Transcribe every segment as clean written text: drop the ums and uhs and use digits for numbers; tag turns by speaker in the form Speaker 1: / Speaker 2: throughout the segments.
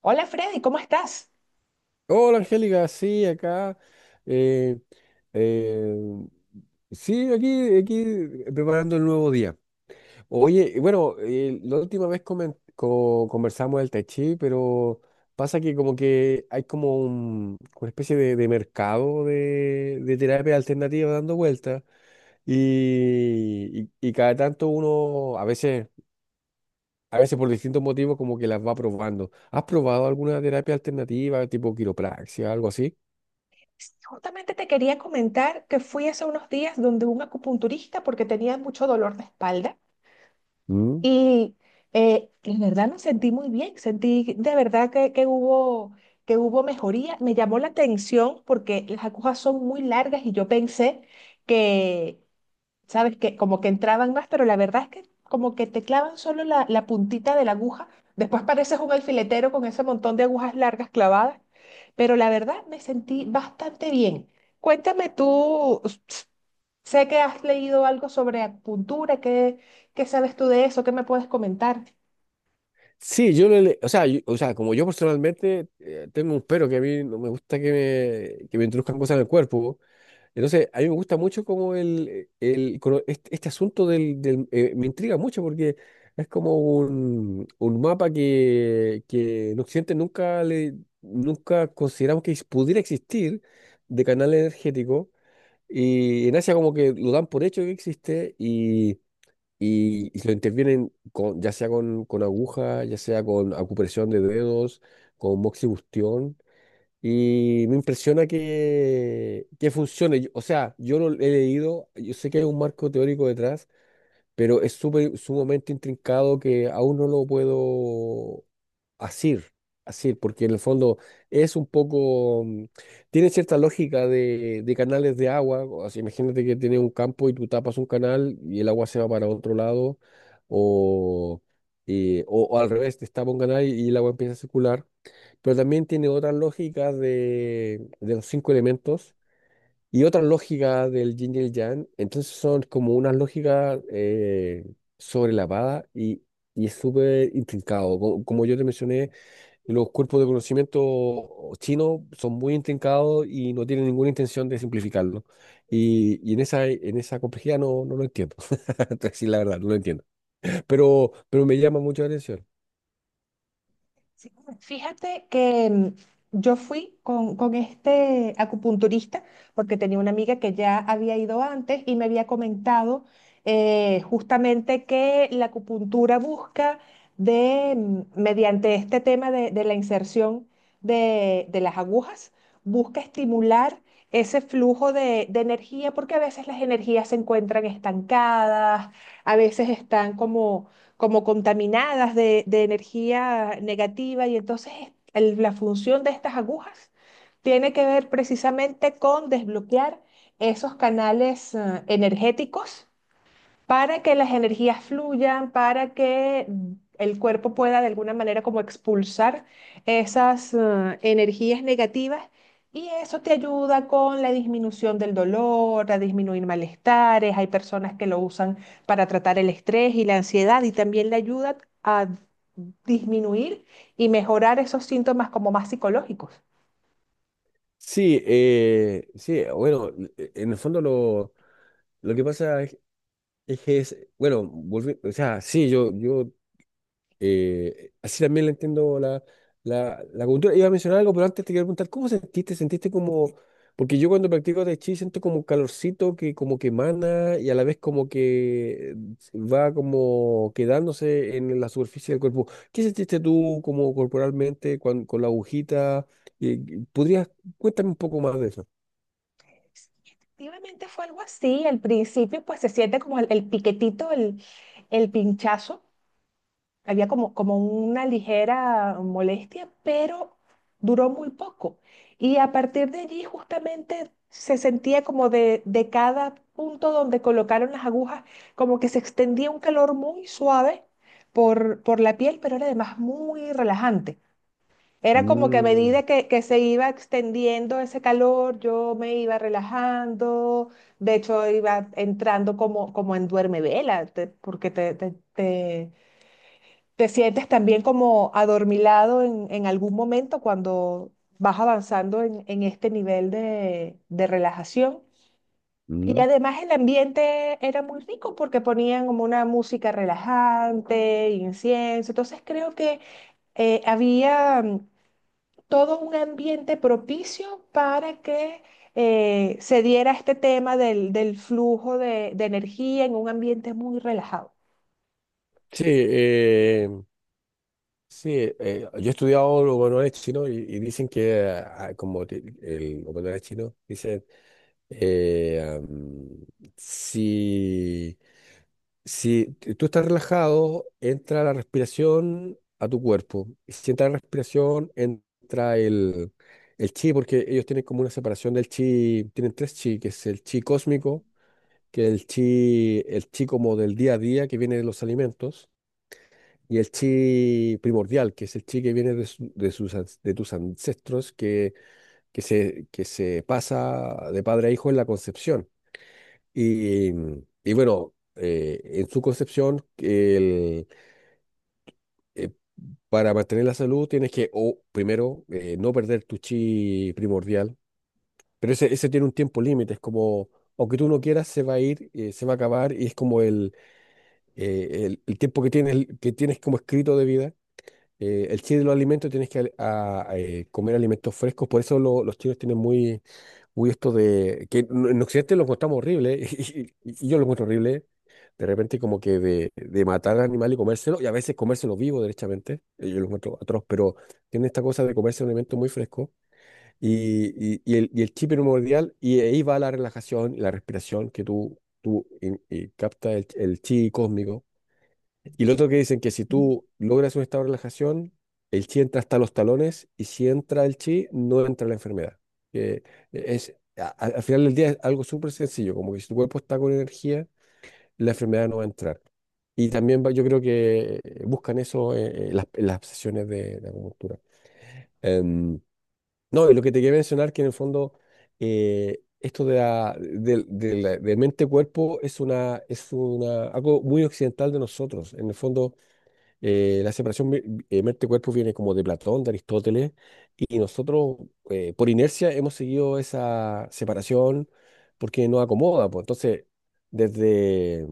Speaker 1: Hola Freddy, ¿cómo estás?
Speaker 2: Hola Angélica, sí, acá. eh, eh, sí, aquí preparando el nuevo día. Oye, y bueno, la última vez conversamos del Tai Chi, pero pasa que como que hay como una especie de mercado de terapia alternativa dando vueltas y, y cada tanto uno, a veces por distintos motivos, como que las va probando. ¿Has probado alguna terapia alternativa, tipo quiropraxia, algo así?
Speaker 1: Sí, justamente te quería comentar que fui hace unos días donde un acupunturista porque tenía mucho dolor de espalda
Speaker 2: Mm.
Speaker 1: y la verdad me sentí muy bien, sentí de verdad que hubo mejoría. Me llamó la atención porque las agujas son muy largas y yo pensé que, ¿sabes? Que como que entraban más, pero la verdad es que como que te clavan solo la puntita de la aguja. Después pareces un alfiletero con ese montón de agujas largas clavadas. Pero la verdad me sentí bastante bien. Cuéntame tú, sé que has leído algo sobre acupuntura, ¿ qué sabes tú de eso? ¿Qué me puedes comentar?
Speaker 2: Sí, yo o sea, o sea, como yo personalmente tengo un pero que a mí no me gusta que me introduzcan cosas en el cuerpo. Entonces, a mí me gusta mucho como el, este, este asunto del, me intriga mucho porque es como un mapa que en Occidente nunca le, nunca consideramos que pudiera existir de canal energético, y en Asia como que lo dan por hecho que existe y lo intervienen con, ya sea con aguja, ya sea con acupresión de dedos, con moxibustión. Y me impresiona que funcione. O sea, yo lo he leído, yo sé que hay un marco teórico detrás, pero es súper, sumamente intrincado que aún no lo puedo asir, asir, porque en el fondo es un poco, tiene cierta lógica de canales de agua, o sea, imagínate que tienes un campo y tú tapas un canal y el agua se va para otro lado, o, o al revés, te tapa un canal y el agua empieza a circular, pero también tiene otras lógicas de los cinco elementos y otra lógica del yin y el yang, entonces son como unas lógicas sobrelavadas y es súper intrincado. Como, yo te mencioné, los cuerpos de conocimiento chinos son muy intrincados y no tienen ninguna intención de simplificarlo. Y en esa complejidad no, no lo entiendo. Entonces, sí, la verdad, no lo entiendo. Pero me llama mucho la atención.
Speaker 1: Sí, fíjate que yo fui con este acupunturista porque tenía una amiga que ya había ido antes y me había comentado justamente que la acupuntura busca mediante este tema de la inserción de las agujas, busca estimular ese flujo de energía porque a veces las energías se encuentran estancadas, a veces están como contaminadas de energía negativa y entonces la función de estas agujas tiene que ver precisamente con desbloquear esos canales energéticos para que las energías fluyan, para que el cuerpo pueda de alguna manera como expulsar esas energías negativas y eso te ayuda con la disminución del dolor, a disminuir malestares. Hay personas que lo usan para tratar el estrés y la ansiedad y también le ayuda a disminuir y mejorar esos síntomas como más psicológicos.
Speaker 2: Sí, sí, bueno, en el fondo lo que pasa es... Es que es, bueno, o sea, sí, yo... Así también le entiendo la, la, la cultura. Iba a mencionar algo, pero antes te quería preguntar, ¿cómo sentiste? ¿Sentiste como...? Porque yo cuando practico Tai Chi siento como un calorcito que como que emana y a la vez como que va como quedándose en la superficie del cuerpo. ¿Qué sentiste tú como corporalmente con, la agujita? ¿Podrías... Cuéntame un poco más de eso.
Speaker 1: Sí, efectivamente fue algo así. Al principio, pues se siente como el piquetito, el pinchazo. Había como, como una ligera molestia, pero duró muy poco. Y a partir de allí justamente se sentía como de cada punto donde colocaron las agujas, como que se extendía un calor muy suave por la piel, pero era además muy relajante. Era como que a
Speaker 2: Mm,
Speaker 1: medida que se iba extendiendo ese calor, yo me iba relajando, de hecho iba entrando como en duermevela, te- porque te- ¿te sientes también como adormilado en algún momento cuando vas avanzando en este nivel de relajación? Y
Speaker 2: mm.
Speaker 1: además el ambiente era muy rico porque ponían como una música relajante, incienso. Entonces creo que había todo un ambiente propicio para que se diera este tema del flujo de energía en un ambiente muy relajado.
Speaker 2: Sí, sí, yo he estudiado oconoés chino y dicen que ah, como el oconoés chino, dicen, eh, am, si, tú estás relajado, entra la respiración a tu cuerpo. Y si entra la respiración, entra el chi, porque ellos tienen como una separación del chi, tienen tres chi, que es el chi cósmico, que es el chi como del día a día que viene de los alimentos, y el chi primordial, que es el chi que viene de, de sus, de tus ancestros, que se pasa de padre a hijo en la concepción. Y, y bueno, en su concepción, eh, para mantener la salud tienes que, o primero, no perder tu chi primordial. Pero ese tiene un tiempo límite, es como, aunque tú no quieras, se va a ir, se va a acabar, y es como el tiempo que tienes como escrito de vida. El chile de los alimentos tienes que comer alimentos frescos, por eso los chinos tienen muy, muy esto de que en Occidente lo encontramos horrible y, y yo lo encuentro horrible, de repente como que de matar al animal y comérselo, y a veces comérselo vivo derechamente, yo lo encuentro atroz, pero tienen esta cosa de comerse un alimento muy fresco y el chip primordial, y ahí va la relajación y la respiración que tú captas el chi cósmico, y lo otro que dicen que si tú logras un estado de relajación, el chi entra hasta los talones y si entra el chi, no entra la enfermedad. Que es, al final del día es algo súper sencillo, como que si tu cuerpo está con energía, la enfermedad no va a entrar. Y también yo creo que buscan eso las, en las sesiones de acupuntura. Em, no, y lo que te quería mencionar que en el fondo esto de, la, de de mente-cuerpo es una, algo muy occidental de nosotros. En el fondo la separación mente-cuerpo viene como de Platón, de Aristóteles, y nosotros por inercia hemos seguido esa separación porque nos acomoda, pues. Entonces, desde,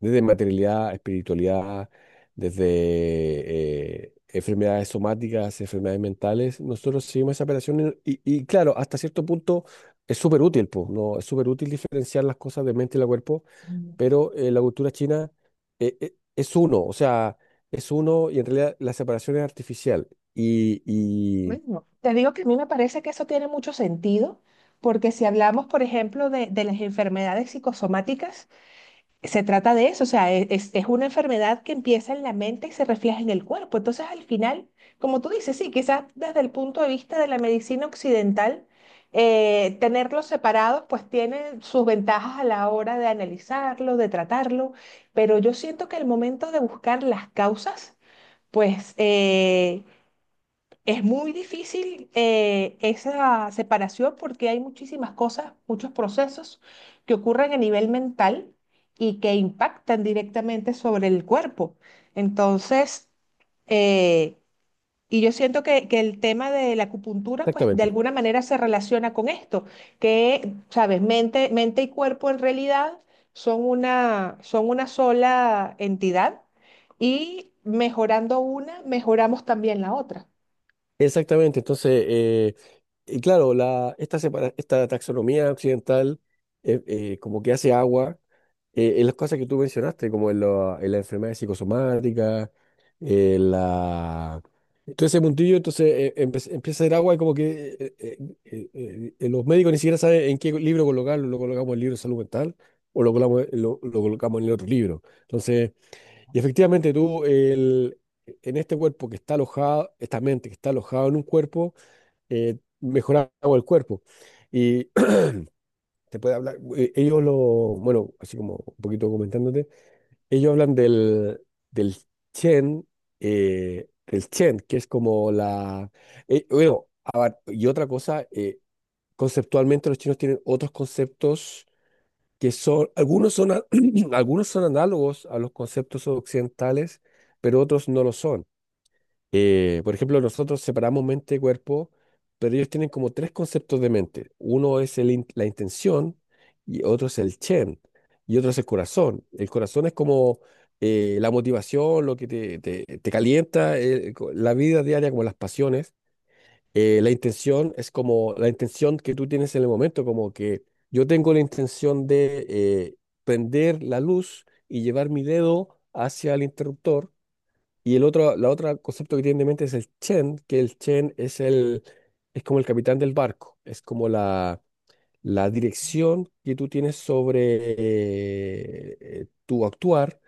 Speaker 2: desde materialidad, espiritualidad, desde enfermedades somáticas, enfermedades mentales. Nosotros seguimos esa operación y, y claro, hasta cierto punto es súper útil, po, ¿no? Es súper útil diferenciar las cosas de mente y la cuerpo,
Speaker 1: Ujú.
Speaker 2: pero la cultura china es uno, o sea, es uno y en realidad la separación es artificial. Y
Speaker 1: Bueno, te digo que a mí me parece que eso tiene mucho sentido, porque si hablamos, por ejemplo, de las enfermedades psicosomáticas, se trata de eso, o sea, es una enfermedad que empieza en la mente y se refleja en el cuerpo. Entonces, al final, como tú dices, sí, quizás desde el punto de vista de la medicina occidental, tenerlos separados, pues tiene sus ventajas a la hora de analizarlo, de tratarlo, pero yo siento que al momento de buscar las causas, pues... eh, es muy difícil esa separación porque hay muchísimas cosas, muchos procesos que ocurren a nivel mental y que impactan directamente sobre el cuerpo. Entonces, eh, y yo siento que el tema de la acupuntura, pues de
Speaker 2: exactamente.
Speaker 1: alguna manera se relaciona con esto, que, sabes, mente y cuerpo en realidad son una sola entidad y mejorando una, mejoramos también la otra.
Speaker 2: Exactamente, entonces, y claro, la, esta, esta taxonomía occidental como que hace agua en las cosas que tú mencionaste, como en, la en las enfermedades psicosomáticas, en la... Todo ese puntillo, entonces empieza a hacer agua y como que los médicos ni siquiera saben en qué libro colocarlo, lo colocamos en el libro de salud mental o lo colocamos en el otro libro. Entonces... Y efectivamente tú, el, en este cuerpo que está alojado, esta mente que está alojada en un cuerpo, mejoraba el cuerpo. Y te puede hablar, ellos lo, bueno, así como un poquito comentándote, ellos hablan del, del Chen, el Chen, que es como la, bueno, y otra cosa, conceptualmente los chinos tienen otros conceptos que son, algunos son, algunos son análogos a los conceptos occidentales, pero otros no lo son. Por ejemplo, nosotros separamos mente y cuerpo, pero ellos tienen como tres conceptos de mente. Uno es la intención, y otro es el chen, y otro es el corazón. El corazón es como la motivación, lo que te, te calienta, la vida diaria, como las pasiones. La intención es como la intención que tú tienes en el momento, como que yo tengo la intención de prender la luz y llevar mi dedo hacia el interruptor, y el otro, la otra concepto que tienen en mente es el Chen, que el Chen es el, es como el capitán del barco, es como la dirección que tú tienes sobre tu actuar.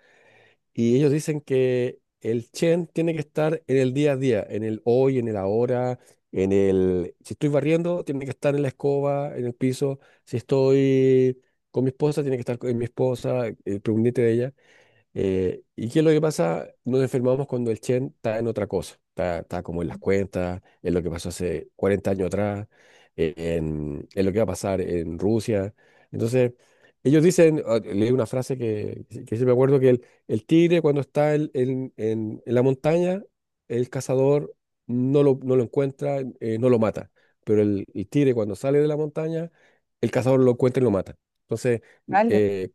Speaker 2: Y ellos dicen que el Chen tiene que estar en el día a día, en el hoy, en el ahora, en el, si estoy barriendo, tiene que estar en la escoba, en el piso, si estoy con mi esposa, tiene que estar con mi esposa, pendiente de ella. ¿Y qué es lo que pasa? Nos enfermamos cuando el Chen está en otra cosa, está, está como en las cuentas, en lo que pasó hace 40 años atrás, en lo que va a pasar en Rusia. Entonces, ellos dicen, ah, leí una frase que sí me acuerdo, que el tigre cuando está en, en la montaña, el cazador no lo, no lo encuentra, no lo mata, pero el tigre cuando sale de la montaña, el cazador lo encuentra y lo mata. Entonces,
Speaker 1: ¿Vale?
Speaker 2: eh,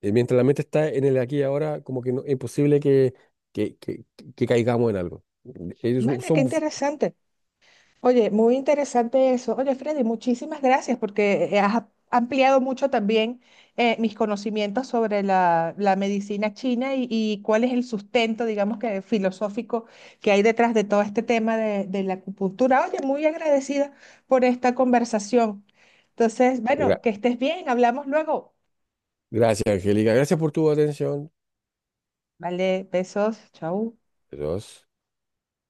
Speaker 2: mientras la mente está en el aquí y ahora, como que no, es imposible que, que, que- que caigamos en algo. Ellos son...
Speaker 1: Vale, qué interesante. Oye, muy interesante eso. Oye, Freddy, muchísimas gracias porque has ampliado mucho también mis conocimientos sobre la medicina china y cuál es el sustento, digamos que filosófico, que hay detrás de todo este tema de la acupuntura. Oye, muy agradecida por esta conversación. Entonces, bueno,
Speaker 2: gra-
Speaker 1: que estés bien, hablamos luego.
Speaker 2: Gracias, Angélica. Gracias por tu atención.
Speaker 1: Vale, besos, chau.
Speaker 2: Adiós.